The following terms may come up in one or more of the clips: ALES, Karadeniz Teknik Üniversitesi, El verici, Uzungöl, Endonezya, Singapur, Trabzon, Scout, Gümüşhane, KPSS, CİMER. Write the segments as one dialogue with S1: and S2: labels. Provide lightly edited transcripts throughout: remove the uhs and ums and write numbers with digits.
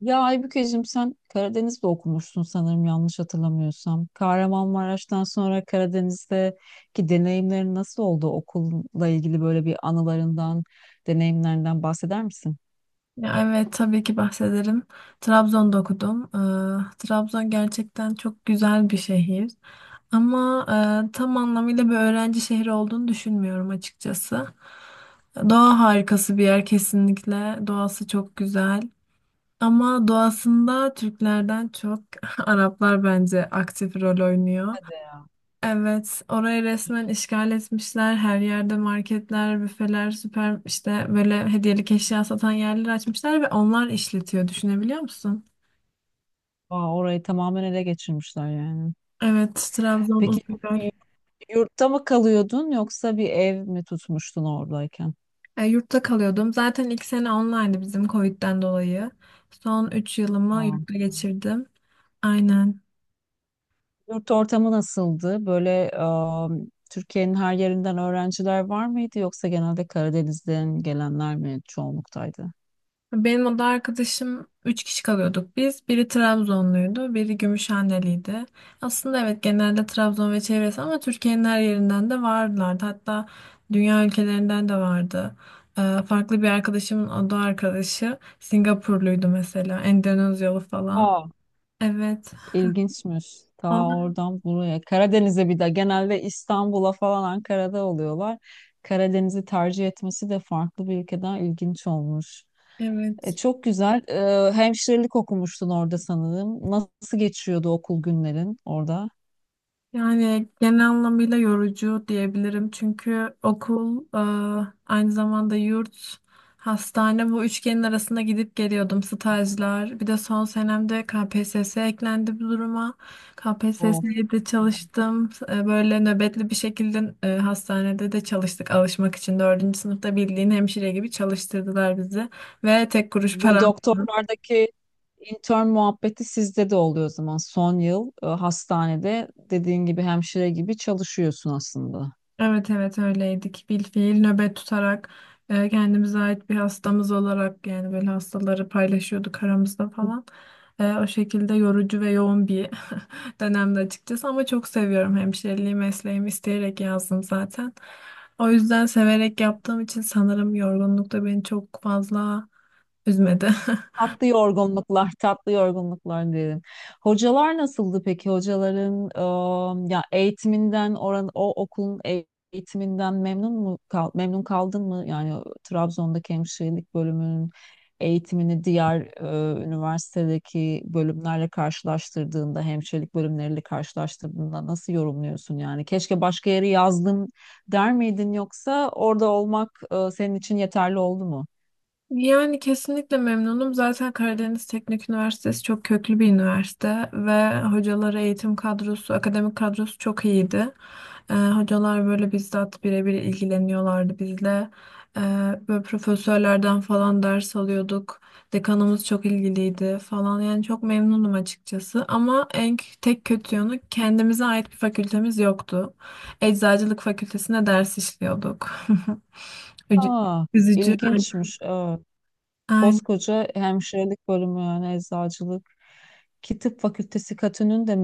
S1: Ya Aybükeciğim sen Karadeniz'de okumuşsun sanırım yanlış hatırlamıyorsam. Kahramanmaraş'tan sonra Karadeniz'deki deneyimlerin nasıl oldu? Okulla ilgili böyle bir anılarından, deneyimlerinden bahseder misin?
S2: Ya evet tabii ki bahsederim. Trabzon'da okudum. Trabzon gerçekten çok güzel bir şehir. Ama tam anlamıyla bir öğrenci şehri olduğunu düşünmüyorum açıkçası. Doğa harikası bir yer kesinlikle. Doğası çok güzel. Ama doğasında Türklerden çok Araplar bence aktif rol oynuyor.
S1: Hadi ya.
S2: Evet, orayı resmen işgal etmişler. Her yerde marketler, büfeler, süper işte böyle hediyelik eşya satan yerler açmışlar ve onlar işletiyor. Düşünebiliyor musun?
S1: Aa, orayı tamamen ele geçirmişler yani.
S2: Evet, Trabzon
S1: Peki
S2: Uzungöl.
S1: y- yurtta mı kalıyordun yoksa bir ev mi tutmuştun oradayken?
S2: Yurtta kalıyordum. Zaten ilk sene online'dı bizim Covid'den dolayı. Son 3 yılımı
S1: Aa.
S2: yurtta geçirdim. Aynen.
S1: Yurt ortamı nasıldı? Böyle Türkiye'nin her yerinden öğrenciler var mıydı yoksa genelde Karadeniz'den gelenler mi çoğunluktaydı?
S2: Benim oda arkadaşım 3 kişi kalıyorduk biz. Biri Trabzonluydu, biri Gümüşhaneliydi. Aslında evet genelde Trabzon ve çevresi ama Türkiye'nin her yerinden de vardılardı. Hatta dünya ülkelerinden de vardı. Farklı bir arkadaşımın oda arkadaşı Singapurluydu mesela, Endonezyalı falan.
S1: Aa,
S2: Evet.
S1: ilginçmiş. Ta
S2: Onlar,
S1: oradan buraya. Karadeniz'e bir de genelde İstanbul'a falan Ankara'da oluyorlar. Karadeniz'i tercih etmesi de farklı bir ülkeden ilginç olmuş.
S2: evet.
S1: Çok güzel. Hemşirelik okumuştun orada sanırım. Nasıl geçiyordu okul günlerin orada?
S2: Yani genel anlamıyla yorucu diyebilirim. Çünkü okul, aynı zamanda yurt, hastane bu üçgenin arasında gidip geliyordum. Stajlar. Bir de son senemde KPSS eklendi bu duruma.
S1: Of.
S2: KPSS'ye de çalıştım. Böyle nöbetli bir şekilde hastanede de çalıştık alışmak için. Dördüncü sınıfta bildiğin hemşire gibi çalıştırdılar bizi. Ve tek kuruş
S1: Bu
S2: para.
S1: doktorlardaki intern muhabbeti sizde de oluyor o zaman. Son yıl hastanede dediğin gibi hemşire gibi çalışıyorsun aslında.
S2: Evet evet öyleydik. Bilfiil nöbet tutarak kendimize ait bir hastamız olarak yani böyle hastaları paylaşıyorduk aramızda falan. O şekilde yorucu ve yoğun bir dönemde açıkçası ama çok seviyorum hemşireliği mesleğimi isteyerek yazdım zaten. O yüzden severek yaptığım için sanırım yorgunluk da beni çok fazla üzmedi.
S1: Tatlı yorgunluklar, tatlı yorgunluklar diyelim. Hocalar nasıldı peki? Hocaların ya eğitiminden oran o okulun eğitiminden memnun kaldın mı? Yani Trabzon'daki hemşirelik bölümünün eğitimini diğer üniversitedeki bölümlerle karşılaştırdığında, hemşirelik bölümleriyle karşılaştırdığında nasıl yorumluyorsun yani? Keşke başka yere yazdım der miydin yoksa orada olmak senin için yeterli oldu mu?
S2: Yani kesinlikle memnunum. Zaten Karadeniz Teknik Üniversitesi çok köklü bir üniversite ve hocaları, eğitim kadrosu, akademik kadrosu çok iyiydi. Hocalar böyle bizzat birebir ilgileniyorlardı bizle. Ee, Böyle profesörlerden falan ders alıyorduk. Dekanımız çok ilgiliydi falan. Yani çok memnunum açıkçası. Ama en tek kötü yanı kendimize ait bir fakültemiz yoktu. Eczacılık fakültesine ders işliyorduk. Üc-
S1: Aa,
S2: Üzücü.
S1: ilginçmiş. Evet.
S2: Aynen.
S1: Koskoca hemşirelik bölümü yani eczacılık ki tıp fakültesi katının da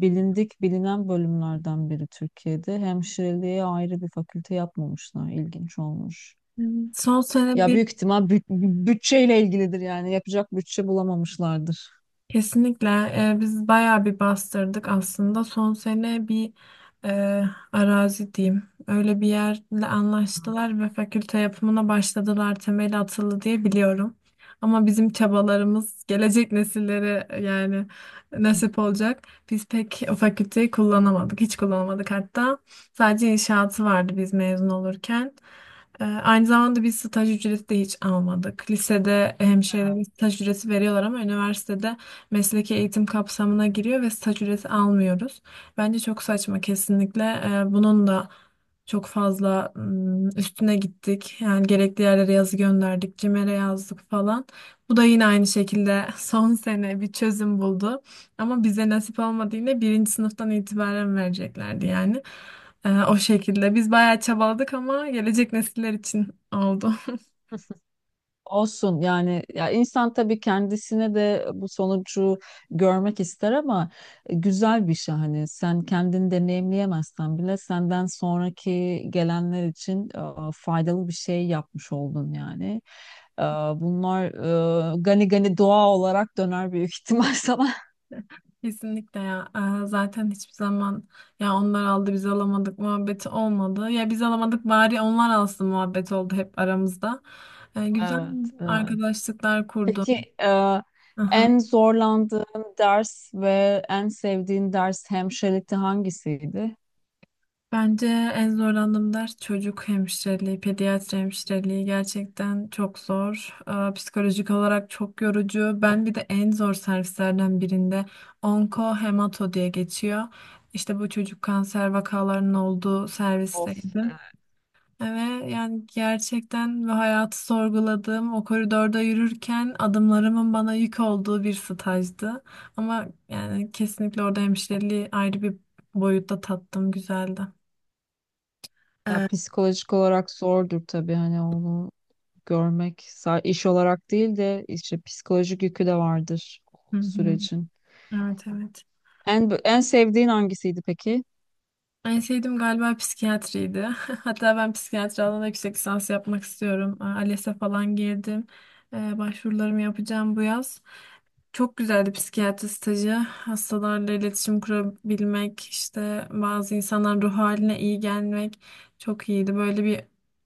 S1: bilindik bilinen bölümlerden biri Türkiye'de. Hemşireliğe ayrı bir fakülte yapmamışlar. İlginç olmuş.
S2: Evet. Son sene
S1: Ya
S2: bir.
S1: büyük ihtimal bütçeyle ilgilidir yani yapacak bütçe bulamamışlardır.
S2: Kesinlikle biz bayağı bir bastırdık aslında. Son sene bir e, arazi diyeyim. Öyle bir yerle anlaştılar ve fakülte yapımına başladılar. Temeli atıldı diye biliyorum. Ama bizim çabalarımız gelecek nesillere yani nasip olacak. Biz pek o fakülteyi kullanamadık. Hiç kullanamadık hatta. Sadece inşaatı vardı biz mezun olurken. Aynı zamanda biz staj ücreti de hiç almadık. Lisede hemşirelere staj ücreti veriyorlar ama üniversitede mesleki eğitim kapsamına giriyor ve staj ücreti almıyoruz. Bence çok saçma kesinlikle. Bunun da çok fazla üstüne gittik. Yani gerekli yerlere yazı gönderdik, CİMER'e yazdık falan. Bu da yine aynı şekilde son sene bir çözüm buldu. Ama bize nasip olmadı yine birinci sınıftan itibaren vereceklerdi yani. O şekilde. Biz bayağı çabaladık ama gelecek nesiller için oldu.
S1: Olsun yani ya insan tabii kendisine de bu sonucu görmek ister ama güzel bir şey hani sen kendini deneyimleyemezsen bile senden sonraki gelenler için faydalı bir şey yapmış oldun yani. E, Bunlar gani gani doğa olarak döner büyük ihtimal sana.
S2: Kesinlikle ya. Zaten hiçbir zaman ya onlar aldı biz alamadık muhabbeti olmadı. Ya biz alamadık bari onlar alsın muhabbet oldu hep aramızda. Güzel
S1: Evet, evet.
S2: arkadaşlıklar kurdum.
S1: Peki
S2: Aha.
S1: en zorlandığın ders ve en sevdiğin ders hemşirelikte hangisiydi?
S2: Bence en zorlandığım ders çocuk hemşireliği, pediatri hemşireliği gerçekten çok zor. Psikolojik olarak çok yorucu. Ben bir de en zor servislerden birinde onko hemato diye geçiyor. İşte bu çocuk kanser vakalarının olduğu
S1: Of.
S2: servisteydim. Ve yani gerçekten ve hayatı sorguladığım o koridorda yürürken adımlarımın bana yük olduğu bir stajdı. Ama yani kesinlikle orada hemşireliği ayrı bir boyutta tattım, güzeldi.
S1: Ya
S2: Ee,
S1: psikolojik olarak zordur tabii hani onu iş olarak değil de işte psikolojik yükü de vardır o
S2: hı hı.
S1: sürecin.
S2: Evet evet.
S1: En sevdiğin hangisiydi peki?
S2: En sevdiğim galiba psikiyatriydi. Hatta ben psikiyatri alanında yüksek lisans yapmak istiyorum. Aa, ALES'e falan girdim. Başvurularımı yapacağım bu yaz. Çok güzeldi psikiyatri stajı. Hastalarla iletişim kurabilmek, işte bazı insanların ruh haline iyi gelmek çok iyiydi. Böyle bir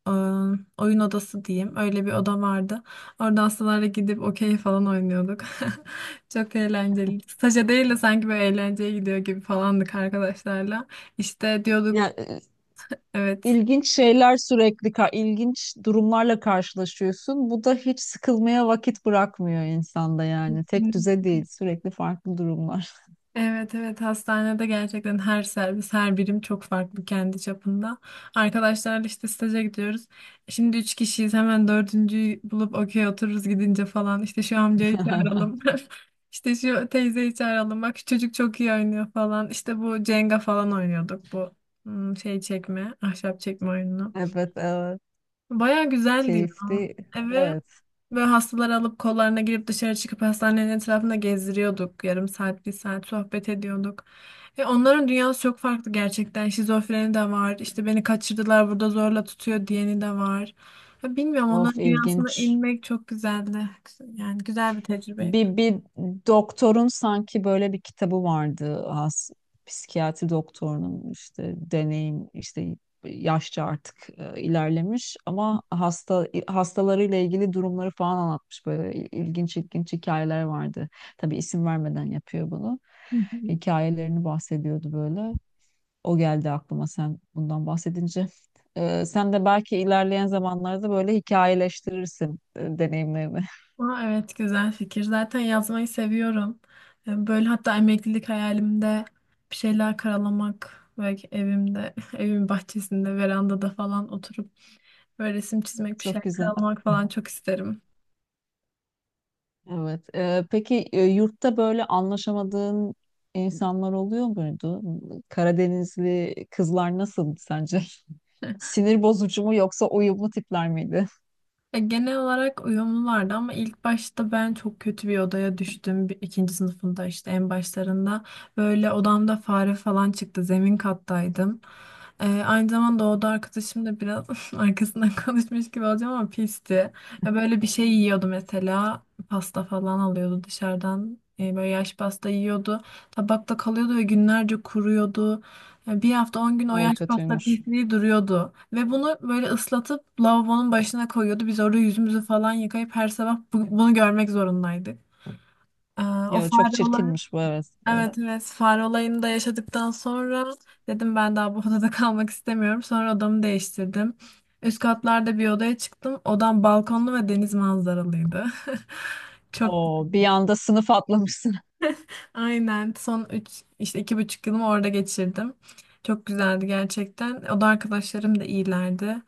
S2: e, oyun odası diyeyim. Öyle bir oda vardı. Orada hastalarla gidip okey falan oynuyorduk. Çok eğlenceli. Staja değil de sanki böyle eğlenceye gidiyor gibi falandık arkadaşlarla. İşte diyorduk
S1: Ya
S2: evet.
S1: ilginç şeyler sürekli, ilginç durumlarla karşılaşıyorsun. Bu da hiç sıkılmaya vakit bırakmıyor insanda yani. Tek
S2: Hı.
S1: düze değil, sürekli farklı durumlar.
S2: Evet evet hastanede gerçekten her servis her birim çok farklı kendi çapında. Arkadaşlarla işte staja gidiyoruz. Şimdi 3 kişiyiz hemen dördüncüyü bulup okey otururuz gidince falan. İşte şu amcayı çağıralım. İşte şu teyzeyi çağıralım. Bak şu çocuk çok iyi oynuyor falan. İşte bu Cenga falan oynuyorduk bu şey çekme ahşap çekme oyunu.
S1: Evet, evet.
S2: Baya güzeldi ya.
S1: Keyifli.
S2: Eve.
S1: Evet.
S2: Böyle hastaları alıp kollarına girip dışarı çıkıp hastanenin etrafında gezdiriyorduk. Yarım saat, bir saat sohbet ediyorduk. Ve onların dünyası çok farklı gerçekten. Şizofreni de var. İşte beni kaçırdılar burada zorla tutuyor diyeni de var. Ya bilmiyorum
S1: Of,
S2: onların dünyasına
S1: ilginç.
S2: inmek çok güzeldi. Yani güzel bir tecrübeydi.
S1: Bir doktorun sanki böyle bir kitabı vardı. Psikiyatri doktorunun işte deneyim işte yaşça artık ilerlemiş ama hastalarıyla ilgili durumları falan anlatmış. Böyle ilginç ilginç hikayeler vardı. Tabii isim vermeden yapıyor bunu.
S2: Hı hı.
S1: Hikayelerini bahsediyordu böyle. O geldi aklıma sen bundan bahsedince. Sen de belki ilerleyen zamanlarda böyle hikayeleştirirsin deneyimlerini.
S2: Aa, evet güzel fikir. Zaten yazmayı seviyorum. Yani böyle hatta emeklilik hayalimde bir şeyler karalamak ve evimde, evimin bahçesinde, verandada falan oturup böyle resim çizmek, bir
S1: Çok
S2: şeyler
S1: güzel.
S2: karalamak falan çok isterim.
S1: Evet. Peki yurtta böyle anlaşamadığın insanlar oluyor muydu? Karadenizli kızlar nasıldı sence? Sinir bozucu mu yoksa uyumlu tipler miydi?
S2: Ya genel olarak uyumlulardı ama ilk başta ben çok kötü bir odaya düştüm. İkinci sınıfında işte en başlarında böyle odamda fare falan çıktı. Zemin kattaydım. Aynı zamanda o oda arkadaşım da biraz arkasından konuşmuş gibi olacağım ama pisti. Ya böyle bir şey yiyordu mesela. Pasta falan alıyordu dışarıdan. Böyle yaş pasta yiyordu. Tabakta kalıyordu ve günlerce kuruyordu. Yani bir hafta 10 gün o
S1: O
S2: yaş pasta
S1: kötüymüş.
S2: pisliği duruyordu. Ve bunu böyle ıslatıp lavabonun başına koyuyordu. Biz orada yüzümüzü falan yıkayıp her sabah bunu görmek zorundaydık. Ee, O
S1: Yo, çok
S2: fare olayı,
S1: çirkinmiş bu, evet. Evet.
S2: evet evet fare olayını da yaşadıktan sonra dedim ben daha bu odada kalmak istemiyorum. Sonra odamı değiştirdim. Üst katlarda bir odaya çıktım. Odam balkonlu ve deniz manzaralıydı. Çok.
S1: Oo, bir anda sınıf atlamışsın.
S2: Aynen son 3 işte 2,5 yılımı orada geçirdim. Çok güzeldi gerçekten. O da arkadaşlarım da iyilerdi.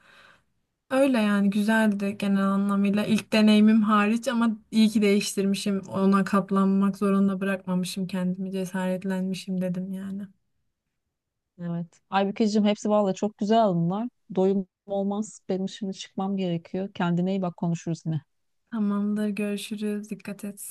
S2: Öyle yani güzeldi genel anlamıyla. İlk deneyimim hariç ama iyi ki değiştirmişim. Ona katlanmak zorunda bırakmamışım kendimi. Cesaretlenmişim dedim yani.
S1: Evet. Aybükeciğim hepsi valla çok güzel bunlar. Doyum olmaz. Benim şimdi çıkmam gerekiyor. Kendine iyi bak, konuşuruz yine.
S2: Tamamdır görüşürüz. Dikkat et.